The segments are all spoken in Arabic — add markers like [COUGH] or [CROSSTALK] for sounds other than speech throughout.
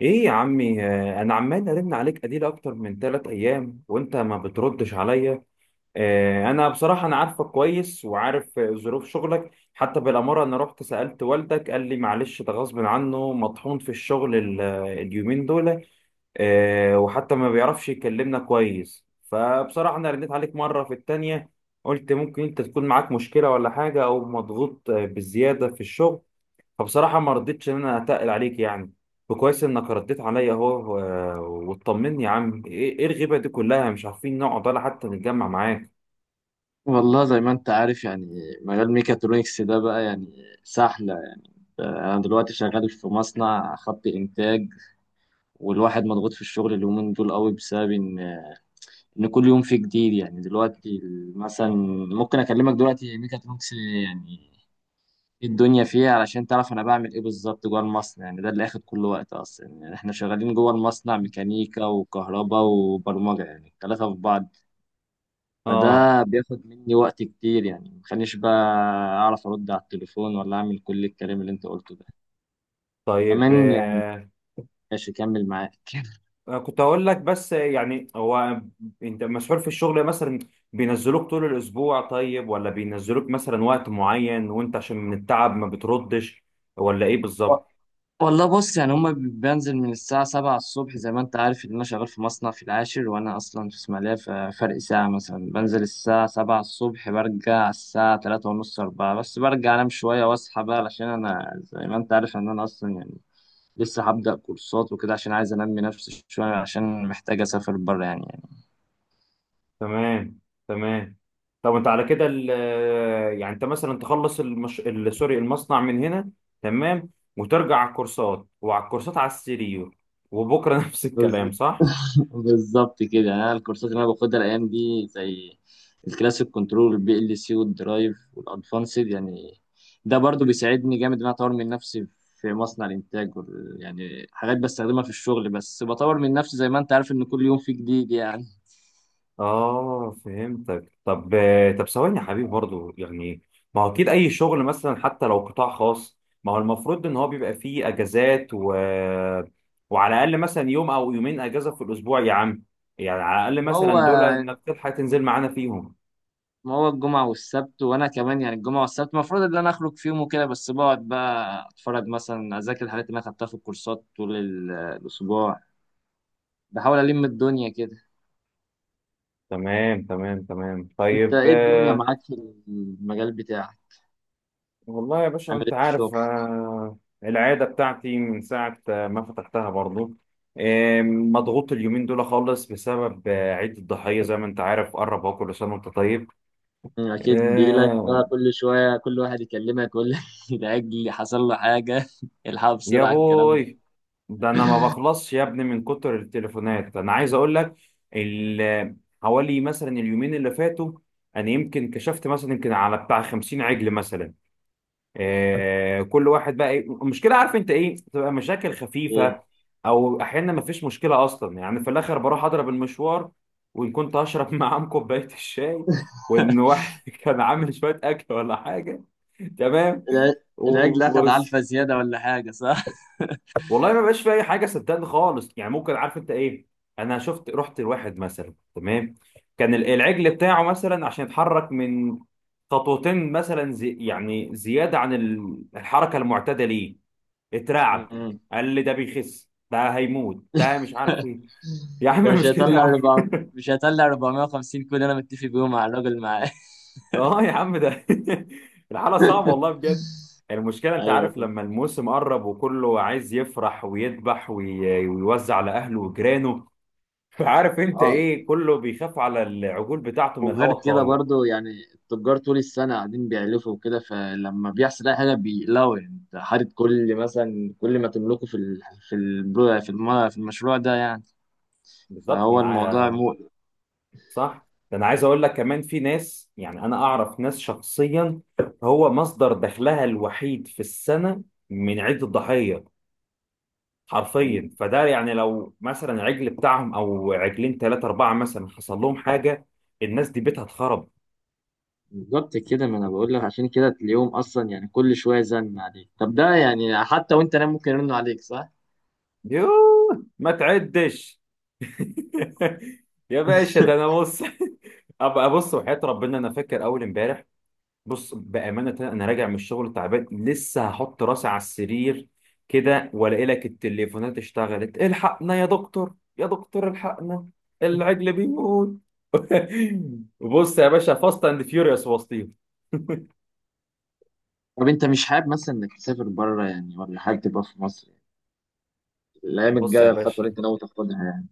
ايه يا عمي، انا عمال ارن عليك اديل اكتر من ثلاث ايام وانت ما بتردش عليا. آه، انا بصراحه انا عارفك كويس وعارف ظروف شغلك، حتى بالاماره انا رحت سالت والدك قال لي معلش ده غصب عنه مطحون في الشغل اليومين دول. وحتى ما بيعرفش يكلمنا كويس. فبصراحه انا رنيت عليك مره في التانية، قلت ممكن انت تكون معاك مشكله ولا حاجه او مضغوط بالزياده في الشغل. فبصراحة ما ردتش إن أنا أتقل عليك يعني. وكويس إنك رديت عليا أهو وطمني يا عم، إيه إيه الغيبة دي كلها؟ مش عارفين نقعد ولا حتى نتجمع معاك. والله زي ما انت عارف يعني مجال ميكاترونكس ده بقى يعني سحلة يعني انا دلوقتي شغال في مصنع خط انتاج والواحد مضغوط في الشغل اليومين دول قوي بسبب ان كل يوم فيه جديد يعني دلوقتي مثلا ممكن اكلمك دلوقتي ميكاترونكس يعني ايه الدنيا فيها علشان تعرف انا بعمل ايه بالظبط جوه المصنع يعني ده اللي اخد كل وقت اصلا يعني احنا شغالين جوه المصنع ميكانيكا وكهرباء وبرمجة يعني الثلاثة في بعض. آه. فده بياخد مني وقت كتير يعني مخلينيش بقى أعرف أرد على التليفون ولا أعمل كل الكلام اللي أنت قلته ده طيب، كمان يعني. آه. ماشي كمل معاك. [LAUGHS] أنا كنت هقول لك، بس يعني هو أنت مسحول في الشغل مثلا؟ بينزلوك طول الأسبوع طيب، ولا بينزلوك مثلا وقت معين وأنت عشان من التعب ما بتردش، ولا إيه و- بالظبط؟ والله بص يعني بنزل من الساعة سبعة الصبح، زي ما أنت عارف إن أنا شغال في مصنع في العاشر وأنا أصلا في إسماعيلية ففرق ساعة، مثلا بنزل الساعة سبعة الصبح، برجع الساعة تلاتة ونص أربعة، بس برجع أنام شوية وأصحى بقى، علشان أنا زي ما أنت عارف إن أنا أصلا يعني لسه هبدأ كورسات وكده، عشان عايز أنمي نفسي شوية، عشان محتاج أسافر بره يعني. تمام، تمام. طب انت على كده يعني انت مثلا تخلص سوري، المصنع من هنا، تمام، وترجع على الكورسات، وعلى الكورسات على السيريو، وبكره [LAUGHS] نفس بز- الكلام، صح؟ [LAUGHS] بالظبط كده. انا الكورسات اللي انا باخدها الايام دي زي الكلاسيك كنترول، البي ال سي والدرايف والادفانسد يعني، ده برضو بيساعدني جامد ان انا اطور من نفسي في مصنع الانتاج، وال- يعني حاجات بستخدمها في الشغل، بس بطور من نفسي زي ما انت عارف ان كل يوم في جديد يعني. اه، فهمتك. طب، طب ثواني يا حبيبي، برضو يعني ما هو اكيد اي شغل مثلا حتى لو قطاع خاص، ما هو المفروض ان هو بيبقى فيه اجازات و... وعلى الاقل مثلا يوم او يومين اجازه في الاسبوع يا عم. يعني على الاقل ما هو مثلا دول انك تلحق تنزل معانا فيهم. ما هو الجمعة والسبت، وانا كمان يعني الجمعة والسبت المفروض ان انا اخرج فيهم وكده، بس بقعد بقى اتفرج مثلا، اذاكر الحاجات اللي انا خدتها في الكورسات طول الاسبوع، بحاول الم الدنيا كده. تمام، تمام، تمام، انت طيب. ايه الدنيا معاك في المجال بتاعك؟ والله يا باشا عامل انت ايه في الشغل؟ عارف، العادة بتاعتي من ساعة ما فتحتها برضو، مضغوط اليومين دول خالص بسبب عيد الضحية. زي ما انت عارف قرب اهو، كل سنة وانت طيب. مم، اكيد بيجيلك آه. بقى كل شويه كل واحد يكلمك، ولا [LAUGHS] الاجل حصل له حاجه [LAUGHS] الحقوا يا بسرعه الكلام ده؟ بوي، ده انا ما بخلصش يا ابني من كتر التليفونات. انا عايز اقول لك ال- حوالي مثلا اليومين اللي فاتوا انا يمكن كشفت مثلا يمكن على بتاع 50 عجل مثلا. كل واحد بقى المشكله عارف انت ايه، بتبقى مشاكل ايه خفيفه او احيانا ما فيش مشكله اصلا. يعني في الاخر بروح اضرب المشوار، وان كنت هشرب [LAUGHS] معاهم كوبايه الشاي، وان واحد [LAUGHS] كان عامل شويه اكل ولا حاجه، تمام، الع- الاجل اخد وبس. علفه زياده ولا حاجه، صح؟ والله ما بقاش في اي حاجه، صدقني خالص. يعني ممكن عارف انت ايه، انا شفت رحت لواحد مثلا، تمام، كان العجل بتاعه مثلا عشان يتحرك من خطوتين مثلا، زي يعني زياده عن الحركه المعتاده ليه، اترعب. مم. قال لي ده بيخس ده هيموت ده مش عارف [LAUGHS] ايه [LAUGHS] يا ده عم مش مش كده يا هيطلع عم. 400، مش هيطلع 450 كود، انا متفق بيهم مع الراجل معاه. اه يا عم ده [LAUGHS] الحالة صعبة والله [LAUGHS] بجد. المشكلة انت ايوه عارف، فهمت. لما الموسم قرب وكله عايز يفرح ويذبح ويوزع على اهله وجيرانه، فعارف انت اه، ايه، كله بيخاف على العجول بتاعته من وغير الهواء كده الطاير. برضو يعني التجار طول السنة قاعدين بيعلفوا وكده، فلما بيحصل أي حاجة بيقلقوا يعني، أنت حاطط كل مثلا كل ما تملكه في ال... في البرو... في الم... في المشروع ده يعني، بالظبط. فهو الموضوع مقلق. صح، ده انا عايز اقول لك كمان في ناس، يعني انا اعرف ناس شخصيا هو مصدر دخلها الوحيد في السنة من عيد الضحية، حرفيا. فده يعني لو مثلا عجل بتاعهم او عجلين ثلاثة أربعة مثلا حصل لهم حاجة، الناس دي بيتها اتخرب. بالظبط كده. ما أنا بقول لك عشان كده، اليوم أصلا يعني كل شوية زن عليك، طب ده يعني حتى وأنت نايم ممكن يرنوا عليك، صح؟ يوه، ما تعدش [LAUGHS] يا باشا ده انا [LAUGHS] بص [LAUGHS] ابقى ابص، وحياة ربنا انا فاكر اول امبارح، بص بامانه انا راجع من الشغل تعبان لسه هحط راسي على السرير كده، والاقي لك التليفونات اشتغلت، الحقنا يا دكتور يا دكتور الحقنا العجل بيموت [LAUGHS] بص يا باشا، فاست اند فيوريوس وسطيهم. طب أنت مش حابب مثلا إنك تسافر بره يعني ولا حابب تبقى في مصر؟ يعني الأيام بص يا الجاية، الخطوة اللي باشا أنت ناوي تاخدها.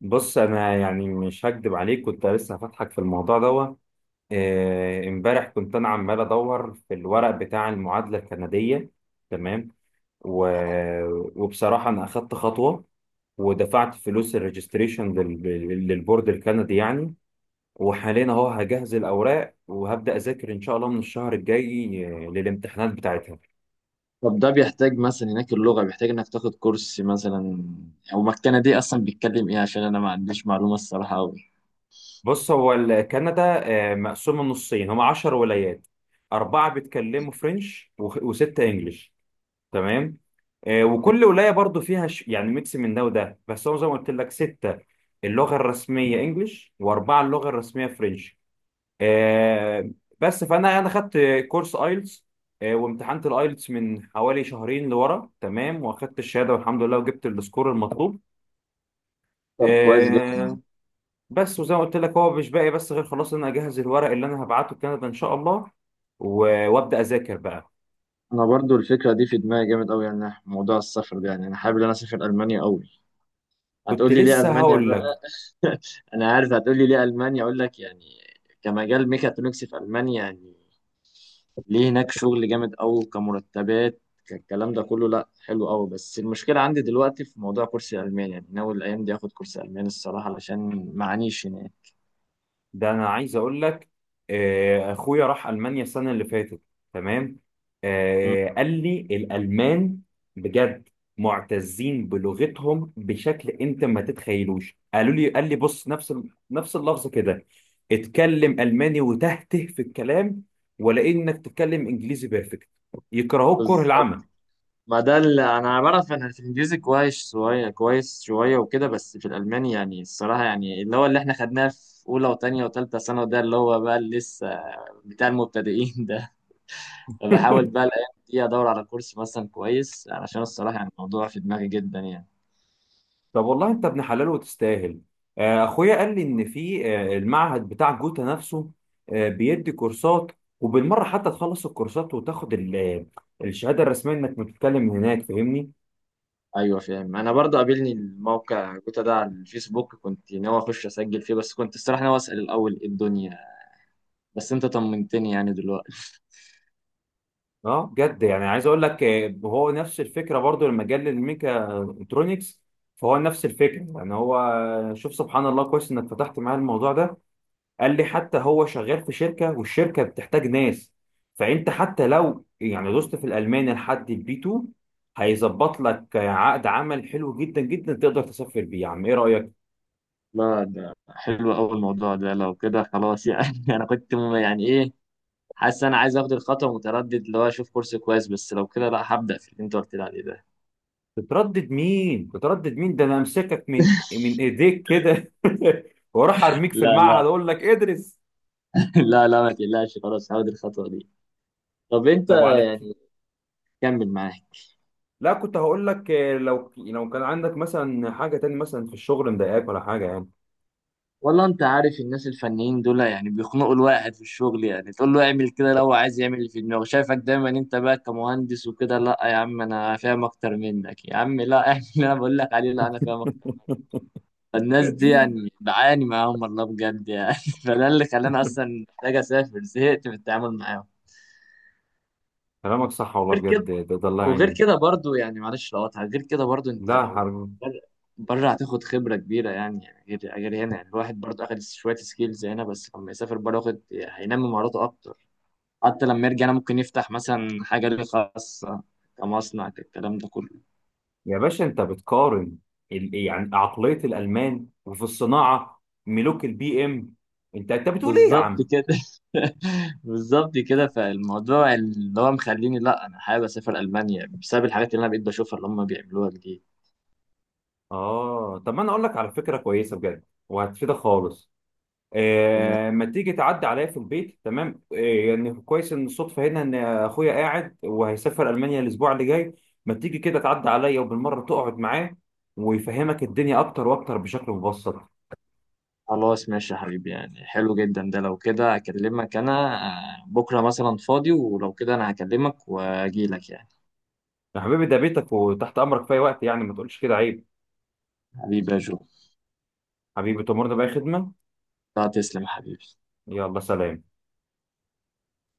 بص انا يعني مش هكدب عليك، كنت لسه هفتحك في الموضوع دوت. امبارح كنت انا عمال ادور في الورق بتاع المعادله الكنديه، تمام، و... وبصراحه انا اخدت خطوه ودفعت فلوس الريجستريشن لل... للبورد الكندي يعني. وحاليا اهو هجهز الاوراق وهبدا اذاكر ان شاء الله من الشهر الجاي للامتحانات بتاعتها. طب ده بيحتاج مثلا هناك اللغة، بيحتاج انك تاخد كورس مثلا، او مكانة دي اصلا بيتكلم ايه؟ عشان انا ما عنديش معلومة الصراحة قوي. بص هو كندا مقسومة نصين، هما 10 ولايات، أربعة بيتكلموا فرنش وستة إنجليش، تمام. وكل ولاية برضو فيها يعني ميكس من ده وده، بس هو زي ما قلت لك ستة اللغة الرسمية إنجليش وأربعة اللغة الرسمية فرنش. آه، بس فأنا خدت كورس آيلتس، وامتحنت الآيلتس من حوالي شهرين لورا، تمام، وأخدت الشهادة والحمد لله وجبت السكور المطلوب. طب كويس جدا. آه، بس وزي ما قلت لك هو مش باقي بس غير خلاص ان انا اجهز الورق اللي انا هبعته لكندا ان شاء الله وابدا اذاكر بقى. انا برضو الفكرة دي في دماغي جامد قوي، يعني موضوع السفر ده يعني انا حابب ان انا اسافر المانيا قوي. كنت هتقول لي ليه لسه المانيا هقول بقى؟ لك، [LAUGHS] انا عارف هتقول لي ليه المانيا، اقول لك يعني كمجال ميكاترونكس في المانيا، يعني ليه هناك شغل جامد قوي، كمرتبات، كالكلام ده كله، لا حلو قوي. بس المشكله عندي دلوقتي في موضوع كرسي الماني يعني، ناوي الايام دي اخد كرسي الماني الصراحه، علشان معانيش هناك. ده انا عايز اقول لك اخويا راح المانيا السنه اللي فاتت، تمام. مم. قال لي الالمان بجد معتزين بلغتهم بشكل انت ما تتخيلوش. قالوا لي قال لي بص، نفس نفس اللفظ كده، اتكلم الماني وتهته في الكلام، ولا انك تتكلم انجليزي بيرفكت يكرهوك كره بالظبط. العمى ما ده اللي انا بعرف، انا في الانجليزي كويس شويه كويس شويه وكده، بس في الالماني يعني الصراحه، يعني اللي هو اللي احنا خدناه في اولى وثانيه وثالثه ثانوي ده اللي هو بقى اللي لسه بتاع المبتدئين ده. [LAUGHS] فبحاول بقى [LAUGHS] الايام دي ادور على كورس مثلا كويس، علشان الصراحه يعني الموضوع في دماغي جدا يعني. طب والله انت ابن حلال وتستاهل. اخويا قال لي ان في المعهد بتاع جوتا نفسه بيدي كورسات، وبالمره حتى تخلص الكورسات وتاخد الشهاده الرسميه انك بتتكلم هناك، فاهمني. ايوه فاهم. انا برضو قابلني الموقع جوتا ده على الفيسبوك، كنت ناوي اخش اسجل فيه، بس كنت الصراحه ناوي اسال الاول ايه الدنيا، بس انت طمنتني يعني دلوقتي. [LAUGHS] اه بجد، يعني عايز اقول لك، هو نفس الفكره برضو لما جه للميكا الكترونكس، فهو نفس الفكره. يعني هو شوف سبحان الله، كويس انك فتحت معايا الموضوع ده. قال لي حتى هو شغال في شركة، والشركة بتحتاج ناس، فأنت حتى لو يعني دوست في الألماني لحد البي 2، هيظبط لك عقد عمل حلو جدا جدا تقدر تسافر بيه، يا عم إيه رأيك؟ لا ده حلو قوي الموضوع ده، لو كده خلاص يعني. [LAUGHS] انا كنت يعني ايه، حاسس انا عايز اخد الخطوه، متردد اللي هو اشوف كورس كويس، بس لو كده لا هبدا في اللي انت قلت لي عليه ده. تتردد مين؟ تتردد مين؟ ده أنا أمسكك من إيديك كده [LAUGHS] وأروح أرميك في لا المعهد لا. أقول لك ادرس. [LAUGHS] لا لا ما تقلقش، خلاص هاخد الخطوه دي. طب انت طب وعلى كده، كمل معايا. لا كنت هقول لك، لو كان عندك مثلا حاجة تاني مثلا في الشغل مضايقاك ولا حاجة يعني. والله انت عارف الناس الفنيين دول يعني بيخنقوا الواحد في الشغل يعني، تقول له اعمل كده لو عايز يعمل اللي في دماغه، شايفك دايما انت بقى كمهندس وكده، لا يا عم انا فاهم اكتر منك، يا عم لا [LAUGHS] اعمل اللي انا بقول لك عليه، لا انا فاهم اكتر. الناس دي يعني [LAUGHS] بعاني معاهم والله بجد يعني. [LAUGHS] فده اللي خلاني اصلا محتاج اسافر، زهقت من التعامل معاهم. كلامك صح والله غير بجد، كده، ده الله وغير يعينك. كده برضو يعني، معلش لو قطع، غير كده برضو انت لا لو حرب. بر- بره هتاخد خبرة كبيرة يعني، يعني غير هنا يعني، الواحد برضو اخد شوية سكيلز هنا، بس لما يسافر بره واخد هينمي مهاراته اكتر، حتى لما يرجع هنا ممكن يفتح مثلا حاجة ليه خاصة كمصنع، الكلام ده كله. يا باشا انت بتقارن يعني عقلية الألمان، وفي الصناعة ملوك البي ام، انت بتقول ايه يا بالظبط عم؟ كده. [LAUGHS] بالظبط كده. فالموضوع اللي هو مخليني لا انا حابب اسافر المانيا بسبب الحاجات اللي انا بقيت بشوفها اللي هم بيعملوها جديد. اه طب ما انا اقول لك على فكرة كويسة بجد وهتفيدك خالص. ما تيجي تعدي عليا في البيت، تمام؟ يعني كويس ان الصدفة هنا ان اخويا قاعد وهيسافر ألمانيا الاسبوع اللي جاي، ما تيجي كده تعدي عليا وبالمرة تقعد معاه ويفهمك الدنيا اكتر واكتر بشكل مبسط. خلاص ماشي يا حبيبي، يعني حلو جدا ده، لو كده اكلمك انا آه، بكره مثلا فاضي، ولو كده انا هكلمك واجيلك يعني. يا حبيبي ده بيتك وتحت امرك في اي وقت، يعني ما تقولش كده عيب. حبيبي يا جو. حبيبي تأمرنا بأي خدمة. لا تسلم يا حبيبي. يلا سلام.